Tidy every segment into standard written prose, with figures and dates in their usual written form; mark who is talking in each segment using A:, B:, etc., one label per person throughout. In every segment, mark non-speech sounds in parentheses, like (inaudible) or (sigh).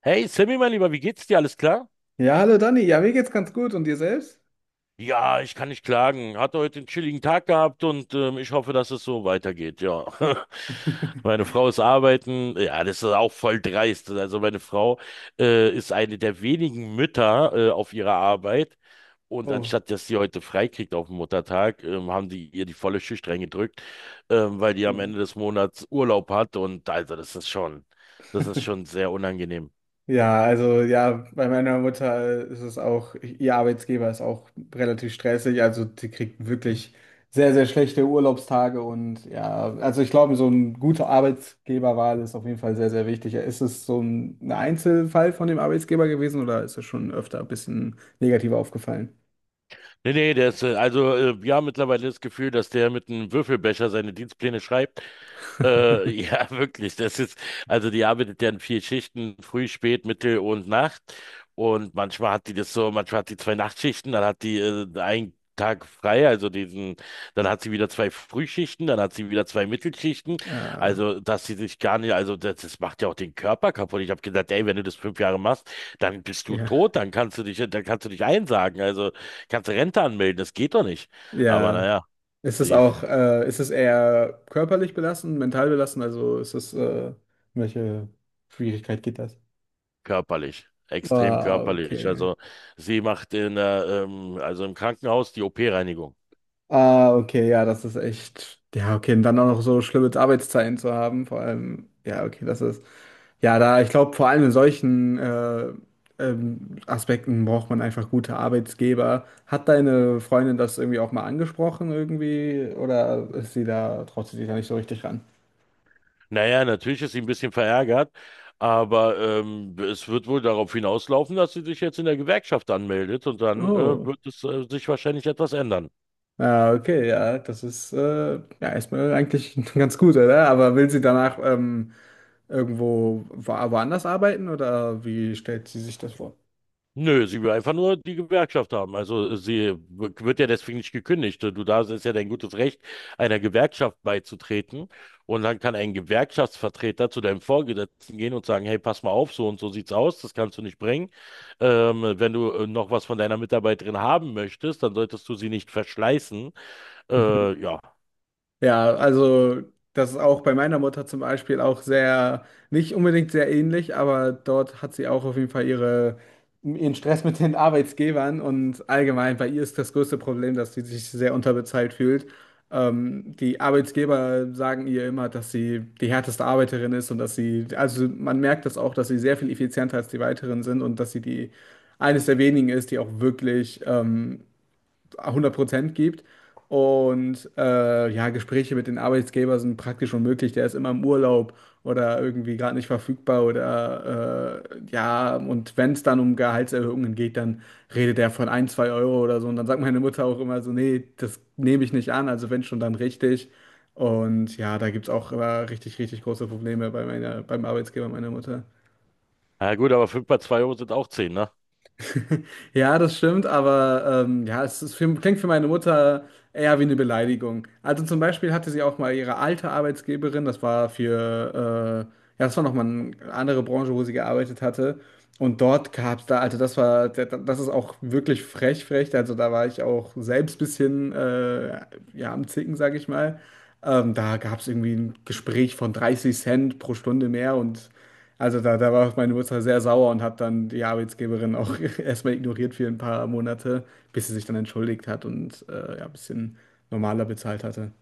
A: Hey Sammy, mein Lieber, wie geht's dir? Alles klar?
B: Ja, hallo Dani. Ja, mir geht's ganz gut. Und dir selbst?
A: Ja, ich kann nicht klagen. Hatte heute einen chilligen Tag gehabt und ich hoffe, dass es so weitergeht, ja. (laughs) Meine Frau ist arbeiten. Ja, das ist auch voll dreist. Also meine Frau ist eine der wenigen Mütter auf ihrer Arbeit. Und
B: Oh.
A: anstatt, dass sie heute frei kriegt auf dem Muttertag, haben die ihr die volle Schicht reingedrückt, weil die am
B: Oh.
A: Ende des Monats Urlaub hat. Und also das ist schon sehr unangenehm.
B: Ja, also ja, bei meiner Mutter ist es auch, ihr Arbeitsgeber ist auch relativ stressig. Also die kriegt wirklich sehr, sehr schlechte Urlaubstage. Und ja, also ich glaube, so eine gute Arbeitgeberwahl ist auf jeden Fall sehr, sehr wichtig. Ist es so ein Einzelfall von dem Arbeitsgeber gewesen oder ist es schon öfter ein bisschen negativ aufgefallen?
A: Nee, nee, der ist, also wir haben mittlerweile das Gefühl, dass der mit einem Würfelbecher seine Dienstpläne schreibt. Ja, (laughs) wirklich, das ist, also die arbeitet ja in vier Schichten, früh, spät, Mittel und Nacht. Und manchmal hat die das so, manchmal hat die zwei Nachtschichten, dann hat die einen Tag frei, also diesen, dann hat sie wieder zwei Frühschichten, dann hat sie wieder zwei Mittelschichten.
B: Ah,
A: Also, dass sie sich gar nicht, also das macht ja auch den Körper kaputt. Ich habe gesagt, ey, wenn du das 5 Jahre machst, dann bist du
B: ja.
A: tot, dann kannst du dich einsagen. Also kannst Rente anmelden, das geht doch nicht. Aber
B: Ja.
A: naja,
B: Ist es
A: sie f-
B: auch, ist es eher körperlich belastend, mental belastend? Also ist es, welche Schwierigkeit geht das?
A: körperlich, extrem
B: Ah,
A: körperlich.
B: okay.
A: Also sie macht in der, also im Krankenhaus die OP-Reinigung.
B: Ah, okay, ja, das ist echt. Ja, okay, und dann auch noch so schlimme Arbeitszeiten zu haben, vor allem, ja, okay, das ist. Ja, da, ich glaube, vor allem in solchen Aspekten braucht man einfach gute Arbeitgeber. Hat deine Freundin das irgendwie auch mal angesprochen, irgendwie? Oder ist sie da, traut sie sich da nicht so richtig ran?
A: Naja, natürlich ist sie ein bisschen verärgert, aber es wird wohl darauf hinauslaufen, dass sie sich jetzt in der Gewerkschaft anmeldet und dann
B: Oh.
A: wird es sich wahrscheinlich etwas ändern.
B: Ah, okay, ja, das ist ja erstmal eigentlich (laughs) ganz gut, oder? Aber will sie danach irgendwo woanders arbeiten oder wie stellt sie sich das vor?
A: Nö, sie will einfach nur die Gewerkschaft haben. Also sie wird ja deswegen nicht gekündigt. Du, da ist ja dein gutes Recht, einer Gewerkschaft beizutreten. Und dann kann ein Gewerkschaftsvertreter zu deinem Vorgesetzten gehen und sagen, hey, pass mal auf, so und so sieht's aus, das kannst du nicht bringen. Wenn du noch was von deiner Mitarbeiterin haben möchtest, dann solltest du sie nicht verschleißen. Ja.
B: Ja, also das ist auch bei meiner Mutter zum Beispiel auch sehr, nicht unbedingt sehr ähnlich, aber dort hat sie auch auf jeden Fall ihre, ihren Stress mit den Arbeitsgebern und allgemein bei ihr ist das größte Problem, dass sie sich sehr unterbezahlt fühlt. Die Arbeitsgeber sagen ihr immer, dass sie die härteste Arbeiterin ist und dass sie, also man merkt das auch, dass sie sehr viel effizienter als die weiteren sind und dass sie die eines der wenigen ist, die auch wirklich 100% gibt. Und ja, Gespräche mit den Arbeitgebern sind praktisch unmöglich. Der ist immer im Urlaub oder irgendwie gerade nicht verfügbar oder ja, und wenn es dann um Gehaltserhöhungen geht, dann redet er von ein, zwei Euro oder so. Und dann sagt meine Mutter auch immer so, nee, das nehme ich nicht an, also wenn schon, dann richtig. Und ja, da gibt es auch immer richtig, richtig große Probleme bei meiner, beim Arbeitsgeber meiner Mutter.
A: Na gut, aber fünf mal 2 Euro sind auch 10, ne?
B: (laughs) Ja, das stimmt, aber ja, es ist für, klingt für meine Mutter eher wie eine Beleidigung. Also zum Beispiel hatte sie auch mal ihre alte Arbeitsgeberin, das war für, ja, das war nochmal eine andere Branche, wo sie gearbeitet hatte. Und dort gab es da, also das war, das ist auch wirklich frech, frech. Also da war ich auch selbst ein bisschen, ja, am Zicken, sag ich mal. Da gab es irgendwie ein Gespräch von 30 Cent pro Stunde mehr und. Also da, da war meine Mutter sehr sauer und hat dann die Arbeitsgeberin auch (laughs) erstmal ignoriert für ein paar Monate, bis sie sich dann entschuldigt hat und ja, ein bisschen normaler bezahlt hatte.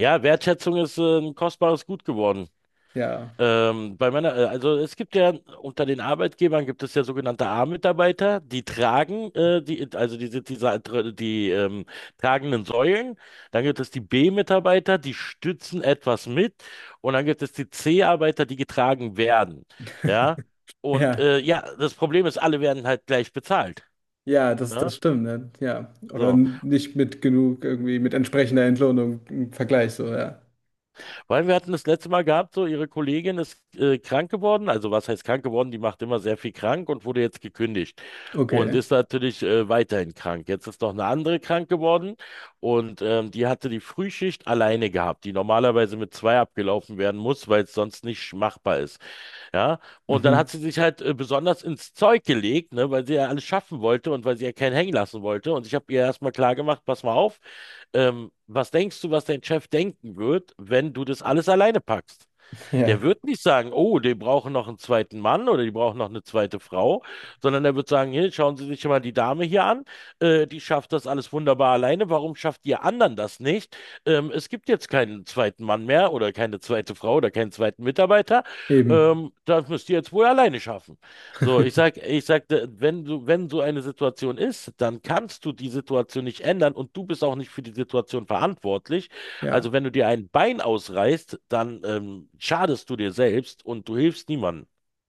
A: Ja, Wertschätzung ist ein kostbares Gut geworden.
B: Ja,
A: Bei meiner, also es gibt ja unter den Arbeitgebern gibt es ja sogenannte A-Mitarbeiter, die tragen, die, also die sind diese, die tragenden Säulen. Dann gibt es die B-Mitarbeiter, die stützen etwas mit. Und dann gibt es die C-Arbeiter, die getragen werden. Ja. Und
B: ja,
A: ja, das Problem ist, alle werden halt gleich bezahlt.
B: ja, das,
A: Ja?
B: das stimmt, ne? Ja. Oder
A: So.
B: nicht mit genug irgendwie mit entsprechender Entlohnung im Vergleich, so, ja.
A: Weil wir hatten das letzte Mal gehabt, so ihre Kollegin ist krank geworden. Also was heißt krank geworden? Die macht immer sehr viel krank und wurde jetzt gekündigt und
B: Okay.
A: ist natürlich weiterhin krank. Jetzt ist noch eine andere krank geworden und die hatte die Frühschicht alleine gehabt, die normalerweise mit zwei abgelaufen werden muss, weil es sonst nicht machbar ist. Ja, und dann hat
B: Mhm.
A: sie sich halt besonders ins Zeug gelegt, ne, weil sie ja alles schaffen wollte und weil sie ja keinen hängen lassen wollte. Und ich habe ihr erstmal klar gemacht, pass mal auf, was denkst du, was dein Chef denken wird, wenn du das alles alleine packst?
B: Ja,
A: Der wird nicht sagen, oh, die brauchen noch einen zweiten Mann oder die brauchen noch eine zweite Frau, sondern er wird sagen, hier, schauen Sie sich mal die Dame hier an, die schafft das alles wunderbar alleine, warum schafft ihr anderen das nicht? Es gibt jetzt keinen zweiten Mann mehr oder keine zweite Frau oder keinen zweiten Mitarbeiter,
B: eben.
A: das müsst ihr jetzt wohl alleine schaffen. So, ich sagte, wenn so eine Situation ist, dann kannst du die Situation nicht ändern und du bist auch nicht für die Situation verantwortlich. Also
B: Ja.
A: wenn du dir ein Bein ausreißt, dann schadest du dir selbst und du hilfst niemandem.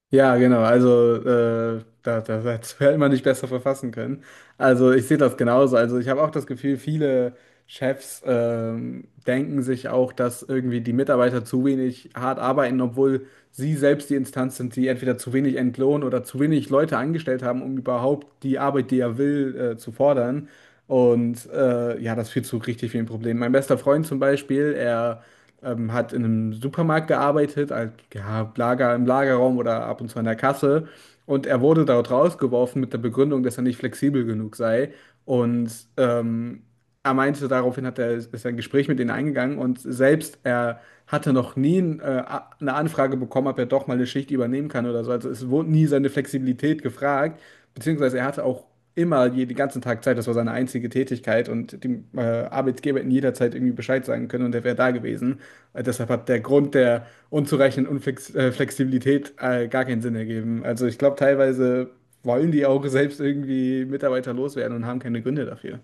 B: Ja, genau. Also dazu (laughs) hätte man nicht besser verfassen können. Also ich sehe das genauso. Also ich habe auch das Gefühl, viele Chefs denken sich auch, dass irgendwie die Mitarbeiter zu wenig hart arbeiten, obwohl sie selbst die Instanz sind, die entweder zu wenig entlohnen oder zu wenig Leute angestellt haben, um überhaupt die Arbeit, die er will, zu fordern. Und ja, das führt zu richtig vielen Problemen. Mein bester Freund zum Beispiel, er hat in einem Supermarkt gearbeitet, als, ja, Lager, im Lagerraum oder ab und zu an der Kasse. Und er wurde dort rausgeworfen mit der Begründung, dass er nicht flexibel genug sei. Und ähm, er meinte, daraufhin ist er ein Gespräch mit ihnen eingegangen und selbst er hatte noch nie eine Anfrage bekommen, ob er doch mal eine Schicht übernehmen kann oder so. Also es wurde nie seine Flexibilität gefragt, beziehungsweise er hatte auch immer jeden ganzen Tag Zeit. Das war seine einzige Tätigkeit und dem Arbeitgeber in jeder Zeit irgendwie Bescheid sagen können und er wäre da gewesen. Deshalb hat der Grund der unzureichenden Unflex Flexibilität gar keinen Sinn ergeben. Also ich glaube, teilweise wollen die auch selbst irgendwie Mitarbeiter loswerden und haben keine Gründe dafür.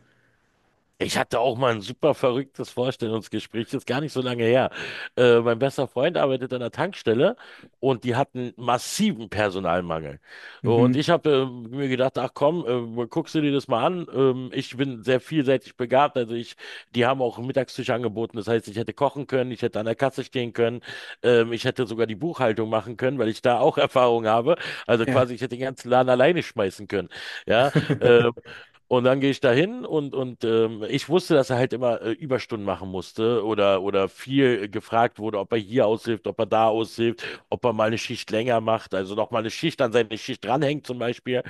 A: Ich hatte auch mal ein super verrücktes Vorstellungsgespräch, das ist gar nicht so lange her. Mein bester Freund arbeitet an der Tankstelle und die hatten massiven Personalmangel. So, und
B: Mhm.
A: ich habe mir gedacht, ach komm, guckst du dir das mal an. Ich bin sehr vielseitig begabt, die haben auch einen Mittagstisch angeboten. Das heißt, ich hätte kochen können, ich hätte an der Kasse stehen können, ich hätte sogar die Buchhaltung machen können, weil ich da auch (laughs) Erfahrung habe. Also
B: Ja.
A: quasi, ich hätte den ganzen Laden alleine schmeißen können. Ja, äh,
B: (laughs)
A: und dann gehe ich da hin und, ich wusste, dass er halt immer Überstunden machen musste oder, viel gefragt wurde, ob er hier aushilft, ob er da aushilft, ob er mal eine Schicht länger macht, also noch mal eine Schicht an seine Schicht dranhängt zum Beispiel.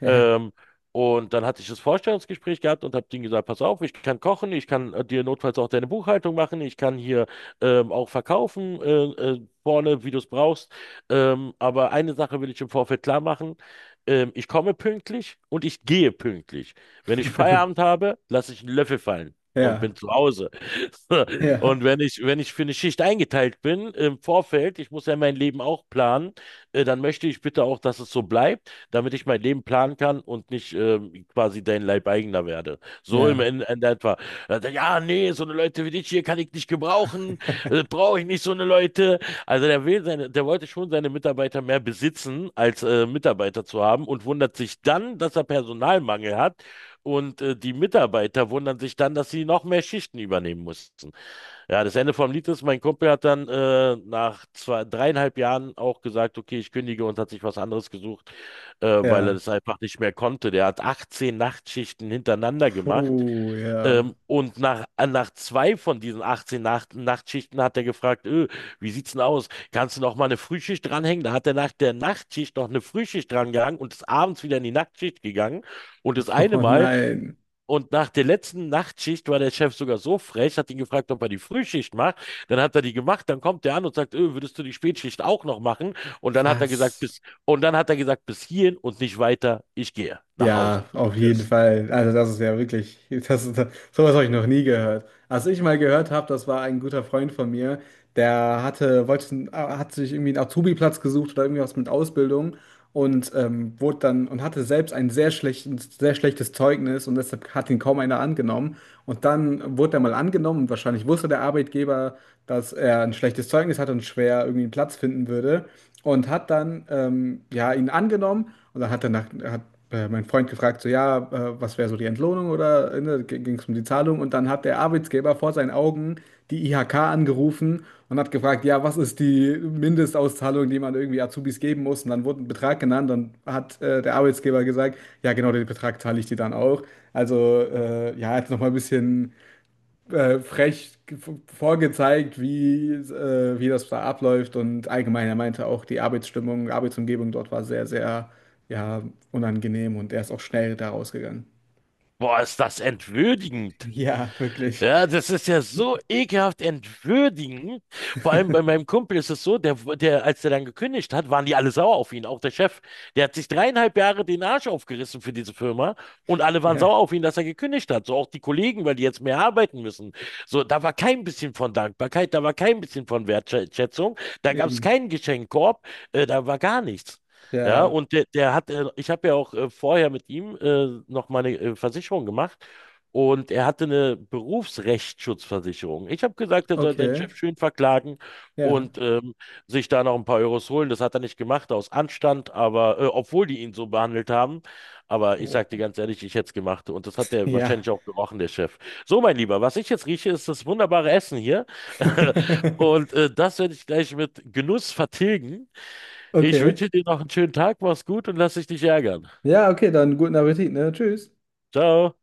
B: Ja.
A: Ähm, und dann hatte ich das Vorstellungsgespräch gehabt und habe denen gesagt, pass auf, ich kann kochen, ich kann dir notfalls auch deine Buchhaltung machen, ich kann hier auch verkaufen vorne, wie du es brauchst. Aber eine Sache will ich im Vorfeld klar machen. Ich komme pünktlich und ich gehe pünktlich. Wenn ich Feierabend
B: (laughs)
A: habe, lasse ich einen Löffel fallen. Und bin
B: Ja.
A: zu Hause. (laughs)
B: Ja.
A: Und wenn ich, wenn ich für eine Schicht eingeteilt bin im Vorfeld, ich muss ja mein Leben auch planen, dann möchte ich bitte auch, dass es so bleibt, damit ich mein Leben planen kann und nicht quasi dein Leibeigener werde. So im
B: Ja.
A: Ende, Ende etwa. Ja, nee, so eine Leute wie dich hier kann ich nicht gebrauchen, brauche ich nicht so eine Leute. Also der wollte schon seine Mitarbeiter mehr besitzen, als Mitarbeiter zu haben und wundert sich dann, dass er Personalmangel hat. Und die Mitarbeiter wundern sich dann, dass sie noch mehr Schichten übernehmen mussten. Ja, das Ende vom Lied ist, mein Kumpel hat dann nach zwei, dreieinhalb Jahren auch gesagt, okay, ich kündige und hat sich was anderes gesucht, weil er
B: Ja.
A: das einfach nicht mehr konnte. Der hat 18 Nachtschichten hintereinander gemacht,
B: Puh, ja.
A: und nach zwei von diesen 18 Nachtschichten hat er gefragt, wie sieht's denn aus? Kannst du noch mal eine Frühschicht dranhängen? Da hat er nach der Nachtschicht noch eine Frühschicht drangehangen und ist abends wieder in die Nachtschicht gegangen. Und das
B: (laughs)
A: eine
B: Oh
A: Mal
B: nein.
A: und nach der letzten Nachtschicht war der Chef sogar so frech, hat ihn gefragt, ob er die Frühschicht macht. Dann hat er die gemacht, dann kommt der an und sagt, würdest du die Spätschicht auch noch machen? Und dann hat er gesagt,
B: Was?
A: bis hierhin und nicht weiter, ich gehe nach Hause.
B: Ja, auf jeden
A: Tschüss.
B: Fall. Also das ist ja wirklich, das, ist- sowas habe ich noch nie gehört. Als ich mal gehört habe, das war ein guter Freund von mir, der hat sich irgendwie einen Azubi-Platz gesucht oder irgendwie was mit Ausbildung und wurde dann und hatte selbst ein sehr schlechtes Zeugnis und deshalb hat ihn kaum einer angenommen. Und dann wurde er mal angenommen und wahrscheinlich wusste der Arbeitgeber, dass er ein schlechtes Zeugnis hatte und schwer irgendwie einen Platz finden würde und hat dann ja ihn angenommen und dann hat er hat mein Freund gefragt, so ja, was wäre so die Entlohnung oder ne, ging es um die Zahlung? Und dann hat der Arbeitgeber vor seinen Augen die IHK angerufen und hat gefragt, ja, was ist die Mindestauszahlung, die man irgendwie Azubis geben muss? Und dann wurde ein Betrag genannt und hat der Arbeitgeber gesagt, ja, genau den Betrag zahle ich dir dann auch. Also ja, jetzt nochmal ein bisschen äh, frech ge- vorgezeigt, wie, wie das da abläuft. Und allgemein, er meinte auch, die Arbeitsstimmung, Arbeitsumgebung dort war sehr, sehr, ja, unangenehm und er ist auch schnell da rausgegangen. (laughs)
A: Boah, ist das entwürdigend.
B: Ja, wirklich.
A: Ja, das ist ja so ekelhaft entwürdigend. Vor allem bei meinem Kumpel ist es so, der, der, als der dann gekündigt hat, waren die alle sauer auf ihn, auch der Chef. Der hat sich 3,5 Jahre den Arsch aufgerissen für diese Firma und alle waren
B: Ja,
A: sauer auf ihn, dass er gekündigt hat. So auch die Kollegen, weil die jetzt mehr arbeiten müssen. So, da war kein bisschen von Dankbarkeit, da war kein bisschen von Wertschätzung, da gab es
B: eben.
A: keinen Geschenkkorb, da war gar nichts. Ja,
B: Ja,
A: und ich habe ja auch vorher mit ihm noch meine Versicherung gemacht. Und er hatte eine Berufsrechtsschutzversicherung. Ich habe gesagt, er soll seinen
B: okay.
A: Chef schön verklagen
B: Ja.
A: und sich da noch ein paar Euros holen. Das hat er nicht gemacht, aus Anstand, aber obwohl die ihn so behandelt haben. Aber ich sage dir
B: Oh,
A: ganz ehrlich, ich hätte es gemacht. Und das hat er
B: ja.
A: wahrscheinlich auch gerochen, der Chef. So, mein Lieber, was ich jetzt rieche, ist das wunderbare Essen hier. (laughs)
B: (laughs)
A: Und das werde ich gleich mit Genuss vertilgen. Ich
B: Okay.
A: wünsche dir noch einen schönen Tag, mach's gut und lass dich nicht ärgern.
B: Ja, okay, dann guten Appetit, ne? Tschüss.
A: Ciao.